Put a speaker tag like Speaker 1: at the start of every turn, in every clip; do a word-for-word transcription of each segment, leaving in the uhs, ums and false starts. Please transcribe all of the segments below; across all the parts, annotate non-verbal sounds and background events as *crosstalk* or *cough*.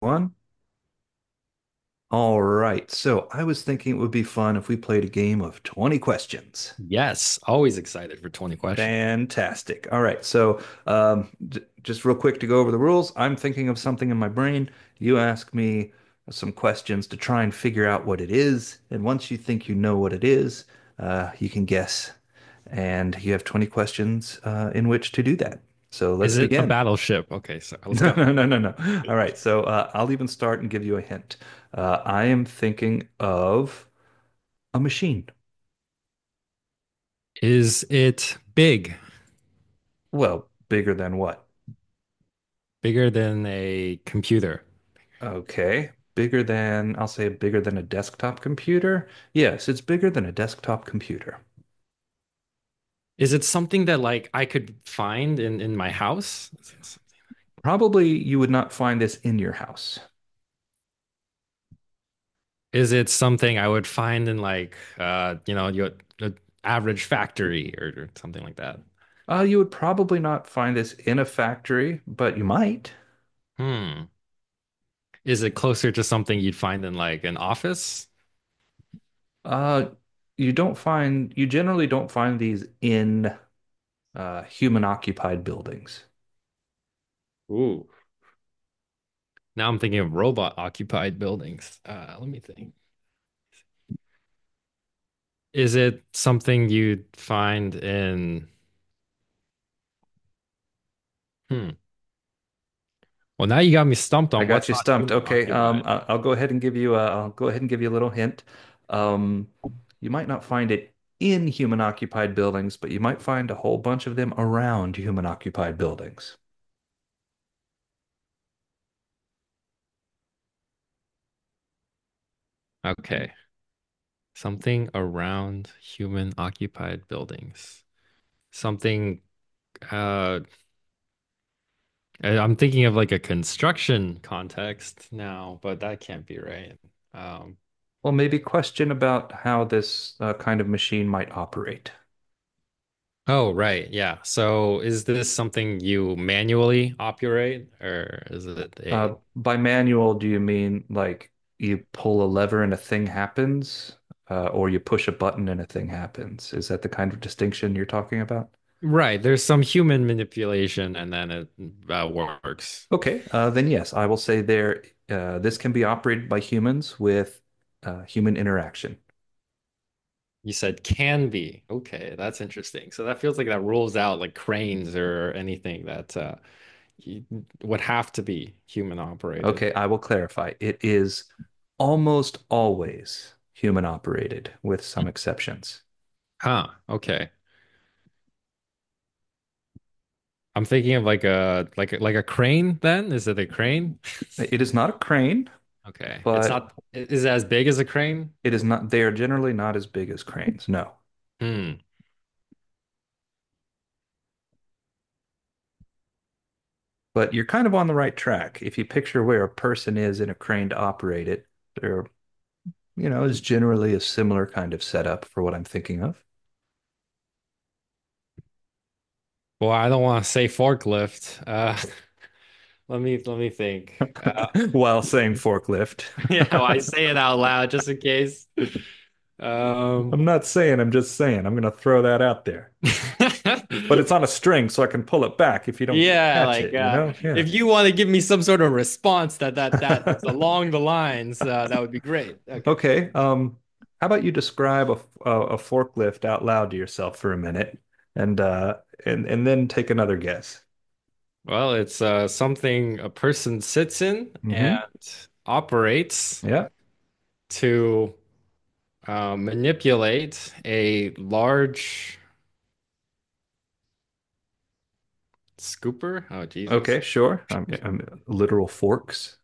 Speaker 1: One. All right, so I was thinking it would be fun if we played a game of twenty questions.
Speaker 2: Yes, always excited for twenty question.
Speaker 1: Fantastic. All right. So um, j- just real quick to go over the rules, I'm thinking of something in my brain. You ask me some questions to try and figure out what it is. And once you think you know what it is, uh, you can guess. And you have twenty questions uh, in which to do that. So let's
Speaker 2: Is it a
Speaker 1: begin. *laughs*
Speaker 2: battleship? Okay, so let's
Speaker 1: No,
Speaker 2: go.
Speaker 1: no, no, no, no. All right. So uh, I'll even start and give you a hint. Uh, I am thinking of a machine.
Speaker 2: Is it big,
Speaker 1: Well, bigger than what?
Speaker 2: bigger than a computer?
Speaker 1: Okay. Bigger than, I'll say bigger than a desktop computer. Yes, it's bigger than a desktop computer.
Speaker 2: Is it something that like I could find in in my house? Is it-
Speaker 1: Probably you would not find this in your house.
Speaker 2: Is it something I would find in like uh you know, your, your average factory, or, or something like that?
Speaker 1: Uh, you would probably not find this in a factory, but you might.
Speaker 2: Hmm. Is it closer to something you'd find in like an office?
Speaker 1: Uh, you don't find, you generally don't find these in uh, human occupied buildings.
Speaker 2: Ooh. Now I'm thinking of robot occupied buildings. Uh, let me think. Is it something you'd find in, hmm. Well, now you got me stumped
Speaker 1: I
Speaker 2: on
Speaker 1: got
Speaker 2: what's
Speaker 1: you
Speaker 2: not
Speaker 1: stumped.
Speaker 2: human
Speaker 1: Okay, um,
Speaker 2: occupied.
Speaker 1: I- I'll go ahead and give you a, I'll go ahead and give you a little hint. Um, you might not find it in human-occupied buildings, but you might find a whole bunch of them around human-occupied buildings.
Speaker 2: Okay. Something around human occupied buildings. Something, uh, I- am thinking of like a construction context now, but that can't be right. Um,
Speaker 1: Well, maybe question about how this uh, kind of machine might operate.
Speaker 2: oh, right. Yeah. So is this something you manually operate, or is it
Speaker 1: Uh,
Speaker 2: a,
Speaker 1: by manual, do you mean like you pull a lever and a thing happens, uh, or you push a button and a thing happens? Is that the kind of distinction you're talking about?
Speaker 2: right? There's some human manipulation, and then it uh, works.
Speaker 1: Okay, uh, then yes, I will say there, uh, this can be operated by humans with uh, human interaction.
Speaker 2: You said can be. Okay, that's interesting. So that feels like that rules out like cranes or anything that uh, you- would have to be human operated.
Speaker 1: Okay, I will clarify. It is almost always human operated, with some exceptions.
Speaker 2: Huh. Okay. I'm thinking of like a like a- like a crane then. Is it a crane? *laughs*
Speaker 1: It is not a crane,
Speaker 2: Okay. It's
Speaker 1: but
Speaker 2: not I- is it as big as a crane,
Speaker 1: it is
Speaker 2: or
Speaker 1: not, they are generally not as big as cranes, no.
Speaker 2: hmm.
Speaker 1: But you're kind of on the right track. If you picture where a person is in a crane to operate it, there, you know, is generally a similar kind of setup for what I'm thinking of.
Speaker 2: Well, I don't want to say forklift. Uh *laughs* let me let me think. Uh
Speaker 1: *laughs* while saying forklift.
Speaker 2: *laughs* yeah, well, I
Speaker 1: *laughs*
Speaker 2: say it out loud just in case. Um
Speaker 1: I'm not saying, I'm just saying. I'm going to throw that out there. But it's on a
Speaker 2: *laughs*
Speaker 1: string, so I can pull it back if you don't
Speaker 2: Yeah,
Speaker 1: catch
Speaker 2: like
Speaker 1: it, you
Speaker 2: uh,
Speaker 1: know? Yeah.
Speaker 2: if you want to give me some sort of response that that that is
Speaker 1: *laughs*
Speaker 2: along the lines, uh, that would be great. Okay.
Speaker 1: Okay. Um, how about you describe a, a, a forklift out loud to yourself for a minute and uh, and, and then take another guess?
Speaker 2: Well, it's uh, something a person sits in
Speaker 1: Hmm.
Speaker 2: and operates
Speaker 1: Yeah.
Speaker 2: to uh, manipulate a large scooper. Oh,
Speaker 1: Okay,
Speaker 2: Jesus.
Speaker 1: sure. I'm, I'm literal forks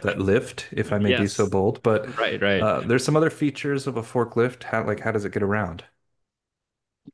Speaker 1: that lift, if I may be so
Speaker 2: Yes.
Speaker 1: bold. But
Speaker 2: Right, right.
Speaker 1: uh, there's some other features of a forklift. How, like, how does it get around?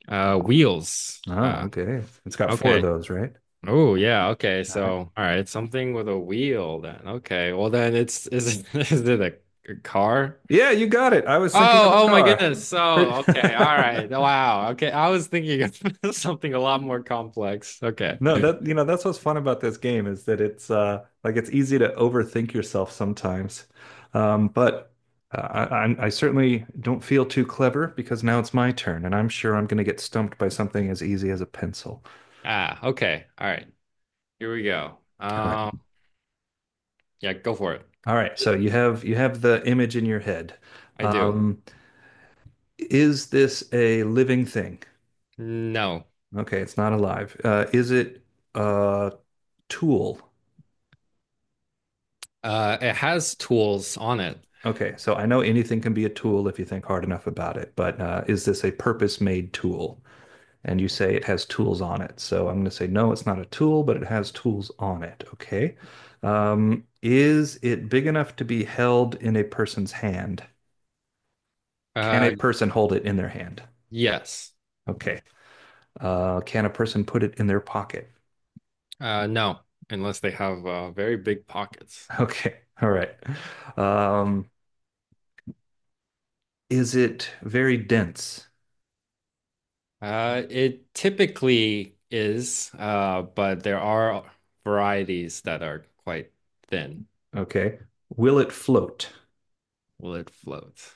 Speaker 2: Uh, wheels.
Speaker 1: Oh,
Speaker 2: Uh,
Speaker 1: okay. It's got four of
Speaker 2: okay.
Speaker 1: those, right?
Speaker 2: Oh yeah, okay.
Speaker 1: All
Speaker 2: So,
Speaker 1: right.
Speaker 2: all right, something with a wheel then. Okay. Well then it's is it, *laughs* is it a, a car?
Speaker 1: Yeah, you got it. I was thinking of a
Speaker 2: Oh, oh my
Speaker 1: car.
Speaker 2: goodness. So,
Speaker 1: Pretty-
Speaker 2: okay. All right.
Speaker 1: *laughs*
Speaker 2: Wow. Okay. I was thinking of *laughs* something a lot more complex. Okay.
Speaker 1: No, that you know, that's what's fun about this game is that it's uh like it's easy to overthink yourself sometimes. Um, but uh, I, I'm- I certainly don't feel too clever because now it's my turn, and I'm sure I'm going to get stumped by something as easy as a pencil.
Speaker 2: Ah, okay. All right. Here we go.
Speaker 1: All right.
Speaker 2: Um, yeah, go for it.
Speaker 1: All right. So you have you have the image in your head.
Speaker 2: I do.
Speaker 1: Um, is this a living thing?
Speaker 2: No.
Speaker 1: Okay, it's not alive. Uh, is it a tool?
Speaker 2: Uh, it has tools on it.
Speaker 1: Okay, so I know anything can be a tool if you think hard enough about it, but uh, is this a purpose-made tool? And you say it has tools on it. So I'm going to say, no, it's not a tool, but it has tools on it. Okay. Um, is it big enough to be held in a person's hand? Can a
Speaker 2: Uh,
Speaker 1: person hold it in their hand?
Speaker 2: yes.
Speaker 1: Okay. Uh, can a person put it in their pocket? *laughs*
Speaker 2: Uh, no, unless they have uh very big pockets.
Speaker 1: Okay. All right. Um, is it very dense?
Speaker 2: Uh, it typically is, uh, but there are varieties that are quite thin.
Speaker 1: Okay. Will it float?
Speaker 2: Will it float?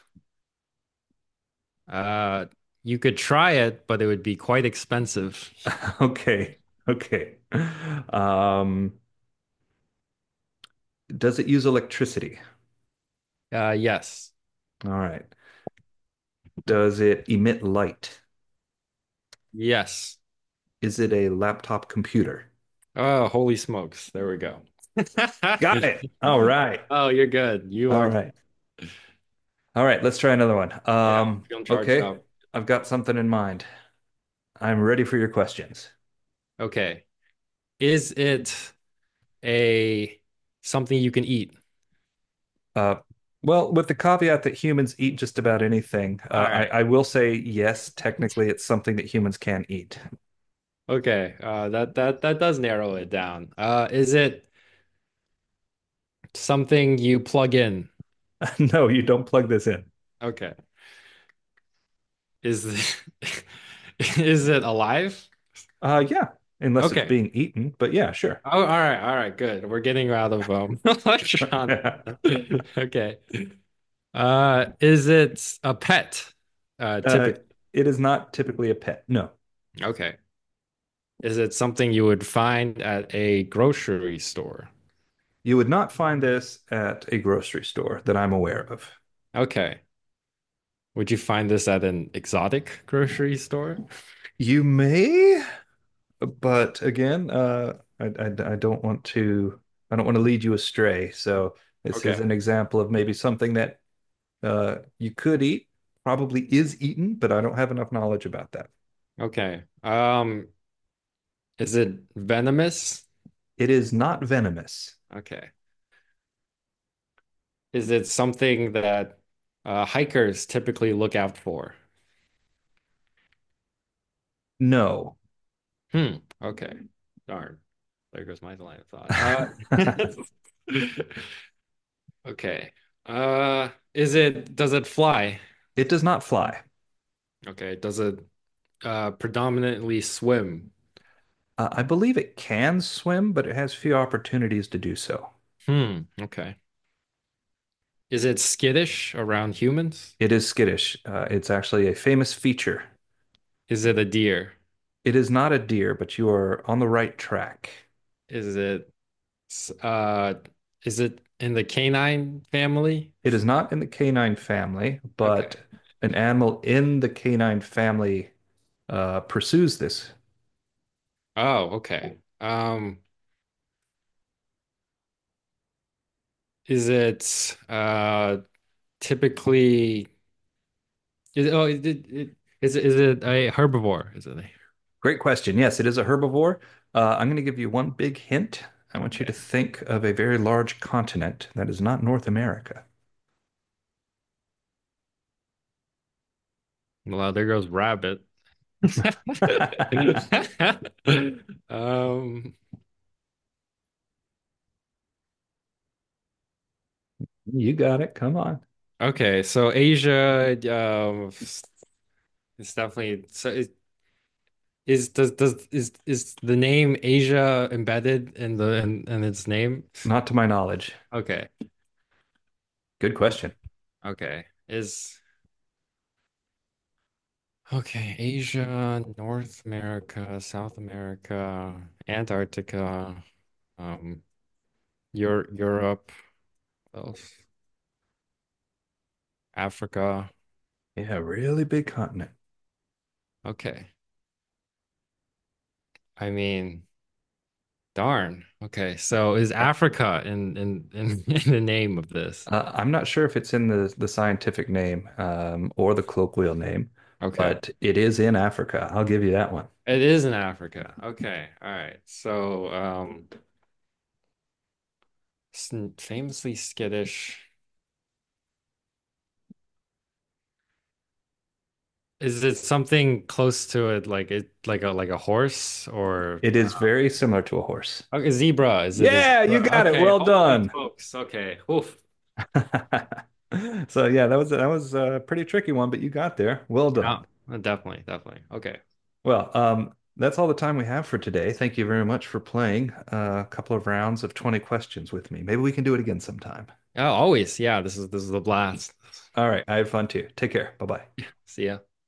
Speaker 2: Uh, you could try it, but it would be quite expensive.
Speaker 1: *laughs* Okay. Okay. Um, does it use electricity?
Speaker 2: Uh, yes.
Speaker 1: All right. Does it emit light?
Speaker 2: Yes.
Speaker 1: Is it a laptop computer?
Speaker 2: Oh, holy smokes. There we go.
Speaker 1: Got it. All
Speaker 2: *laughs*
Speaker 1: right.
Speaker 2: Oh, you're good. You
Speaker 1: All
Speaker 2: are,
Speaker 1: right. All right. Let's try another one.
Speaker 2: yeah,
Speaker 1: Um,
Speaker 2: feeling charged
Speaker 1: okay.
Speaker 2: up.
Speaker 1: I've got something in mind. I'm ready for your questions.
Speaker 2: Okay. Is it a something you can eat?
Speaker 1: Uh, well, with the caveat that humans eat just about anything,
Speaker 2: All
Speaker 1: uh, I,
Speaker 2: right.
Speaker 1: I will say yes, technically,
Speaker 2: *laughs*
Speaker 1: it's something that humans can eat. *laughs*
Speaker 2: Okay, uh, that that that does narrow it down. Uh, is it something you plug in?
Speaker 1: No, you don't plug this in.
Speaker 2: Okay, is th- *laughs* is it alive?
Speaker 1: Uh, yeah, unless it's
Speaker 2: Okay.
Speaker 1: being eaten, but yeah, sure.
Speaker 2: Oh, all right, all right, good. We're getting out of um *laughs*
Speaker 1: *laughs* uh,
Speaker 2: electronic. *laughs* Okay. Uh, is it a pet? Uh, typically.
Speaker 1: it is not typically a pet. No,
Speaker 2: Okay. Is it something you would find at a grocery store?
Speaker 1: you would not find this at a grocery store that I'm aware of.
Speaker 2: Okay. Would you find this at an exotic grocery store?
Speaker 1: You may, but again, uh, I, I, I don't want to I don't want to lead you astray. So this
Speaker 2: Okay.
Speaker 1: is an example of maybe something that uh, you could eat, probably is eaten, but I don't have enough knowledge about that.
Speaker 2: Okay. Um, is it venomous?
Speaker 1: It is not venomous.
Speaker 2: Okay. Is it something that uh, hikers typically look out for?
Speaker 1: No,
Speaker 2: Hmm. Okay. Darn. There goes my line of thought.
Speaker 1: *laughs* it
Speaker 2: Uh, *laughs* okay. Uh, is it, does it fly?
Speaker 1: does not fly.
Speaker 2: Okay. Does it uh, predominantly swim?
Speaker 1: Uh, I believe it can swim, but it has few opportunities to do so.
Speaker 2: Hmm. Okay. Is it skittish around humans?
Speaker 1: It is skittish. Uh, it's actually a famous feature.
Speaker 2: Is it a deer?
Speaker 1: It is not a deer, but you are on the right track.
Speaker 2: Is it, s- uh, is it in the canine family?
Speaker 1: It is not in the canine family,
Speaker 2: Okay.
Speaker 1: but an animal in the canine family uh, pursues this.
Speaker 2: Oh, okay. Um, is it uh typically is oh it, it, it is it, is it a herbivore? Is it a,
Speaker 1: Great question. Yes, it is a herbivore. Uh, I'm going to give you one big hint. I want you to
Speaker 2: okay.
Speaker 1: think of a very large continent that is not North America.
Speaker 2: Well, there goes rabbit. *laughs*
Speaker 1: *laughs*
Speaker 2: Um,
Speaker 1: you got it. Come on.
Speaker 2: okay, so Asia um it's definitely so it is does does is is the name Asia embedded in the in, in its name?
Speaker 1: Not to my knowledge.
Speaker 2: Okay.
Speaker 1: Good question.
Speaker 2: Okay. Is okay, Asia, North America, South America, Antarctica, um, Eur Europe, uh, Africa.
Speaker 1: Yeah, really big continent.
Speaker 2: Okay. I mean, darn. Okay. So is Africa in in in, *laughs* in the name of this?
Speaker 1: Uh, I'm not sure if it's in the, the scientific name um, or the colloquial name,
Speaker 2: Okay.
Speaker 1: but it is in Africa. I'll give you that one.
Speaker 2: It is in Africa. Okay. All right. So, um, s- famously skittish. Is it something close to it, like it, like a like a horse, or
Speaker 1: It is very similar to a horse.
Speaker 2: okay, zebra. Is it a
Speaker 1: Yeah, you
Speaker 2: zebra?
Speaker 1: got it.
Speaker 2: Okay.
Speaker 1: Well
Speaker 2: Holy
Speaker 1: done.
Speaker 2: smokes. Okay. Oof.
Speaker 1: *laughs* So yeah, that was that was a pretty tricky one, but you got there. Well done.
Speaker 2: Yeah. Definitely. Definitely. Okay.
Speaker 1: Well, um, that's all the time we have for today. Thank you very much for playing uh, a couple of rounds of twenty questions with me. Maybe we can do it again sometime.
Speaker 2: Oh, always. Yeah. This is this is the blast.
Speaker 1: All right, I had fun too. Take care. Bye bye.
Speaker 2: *laughs* See ya.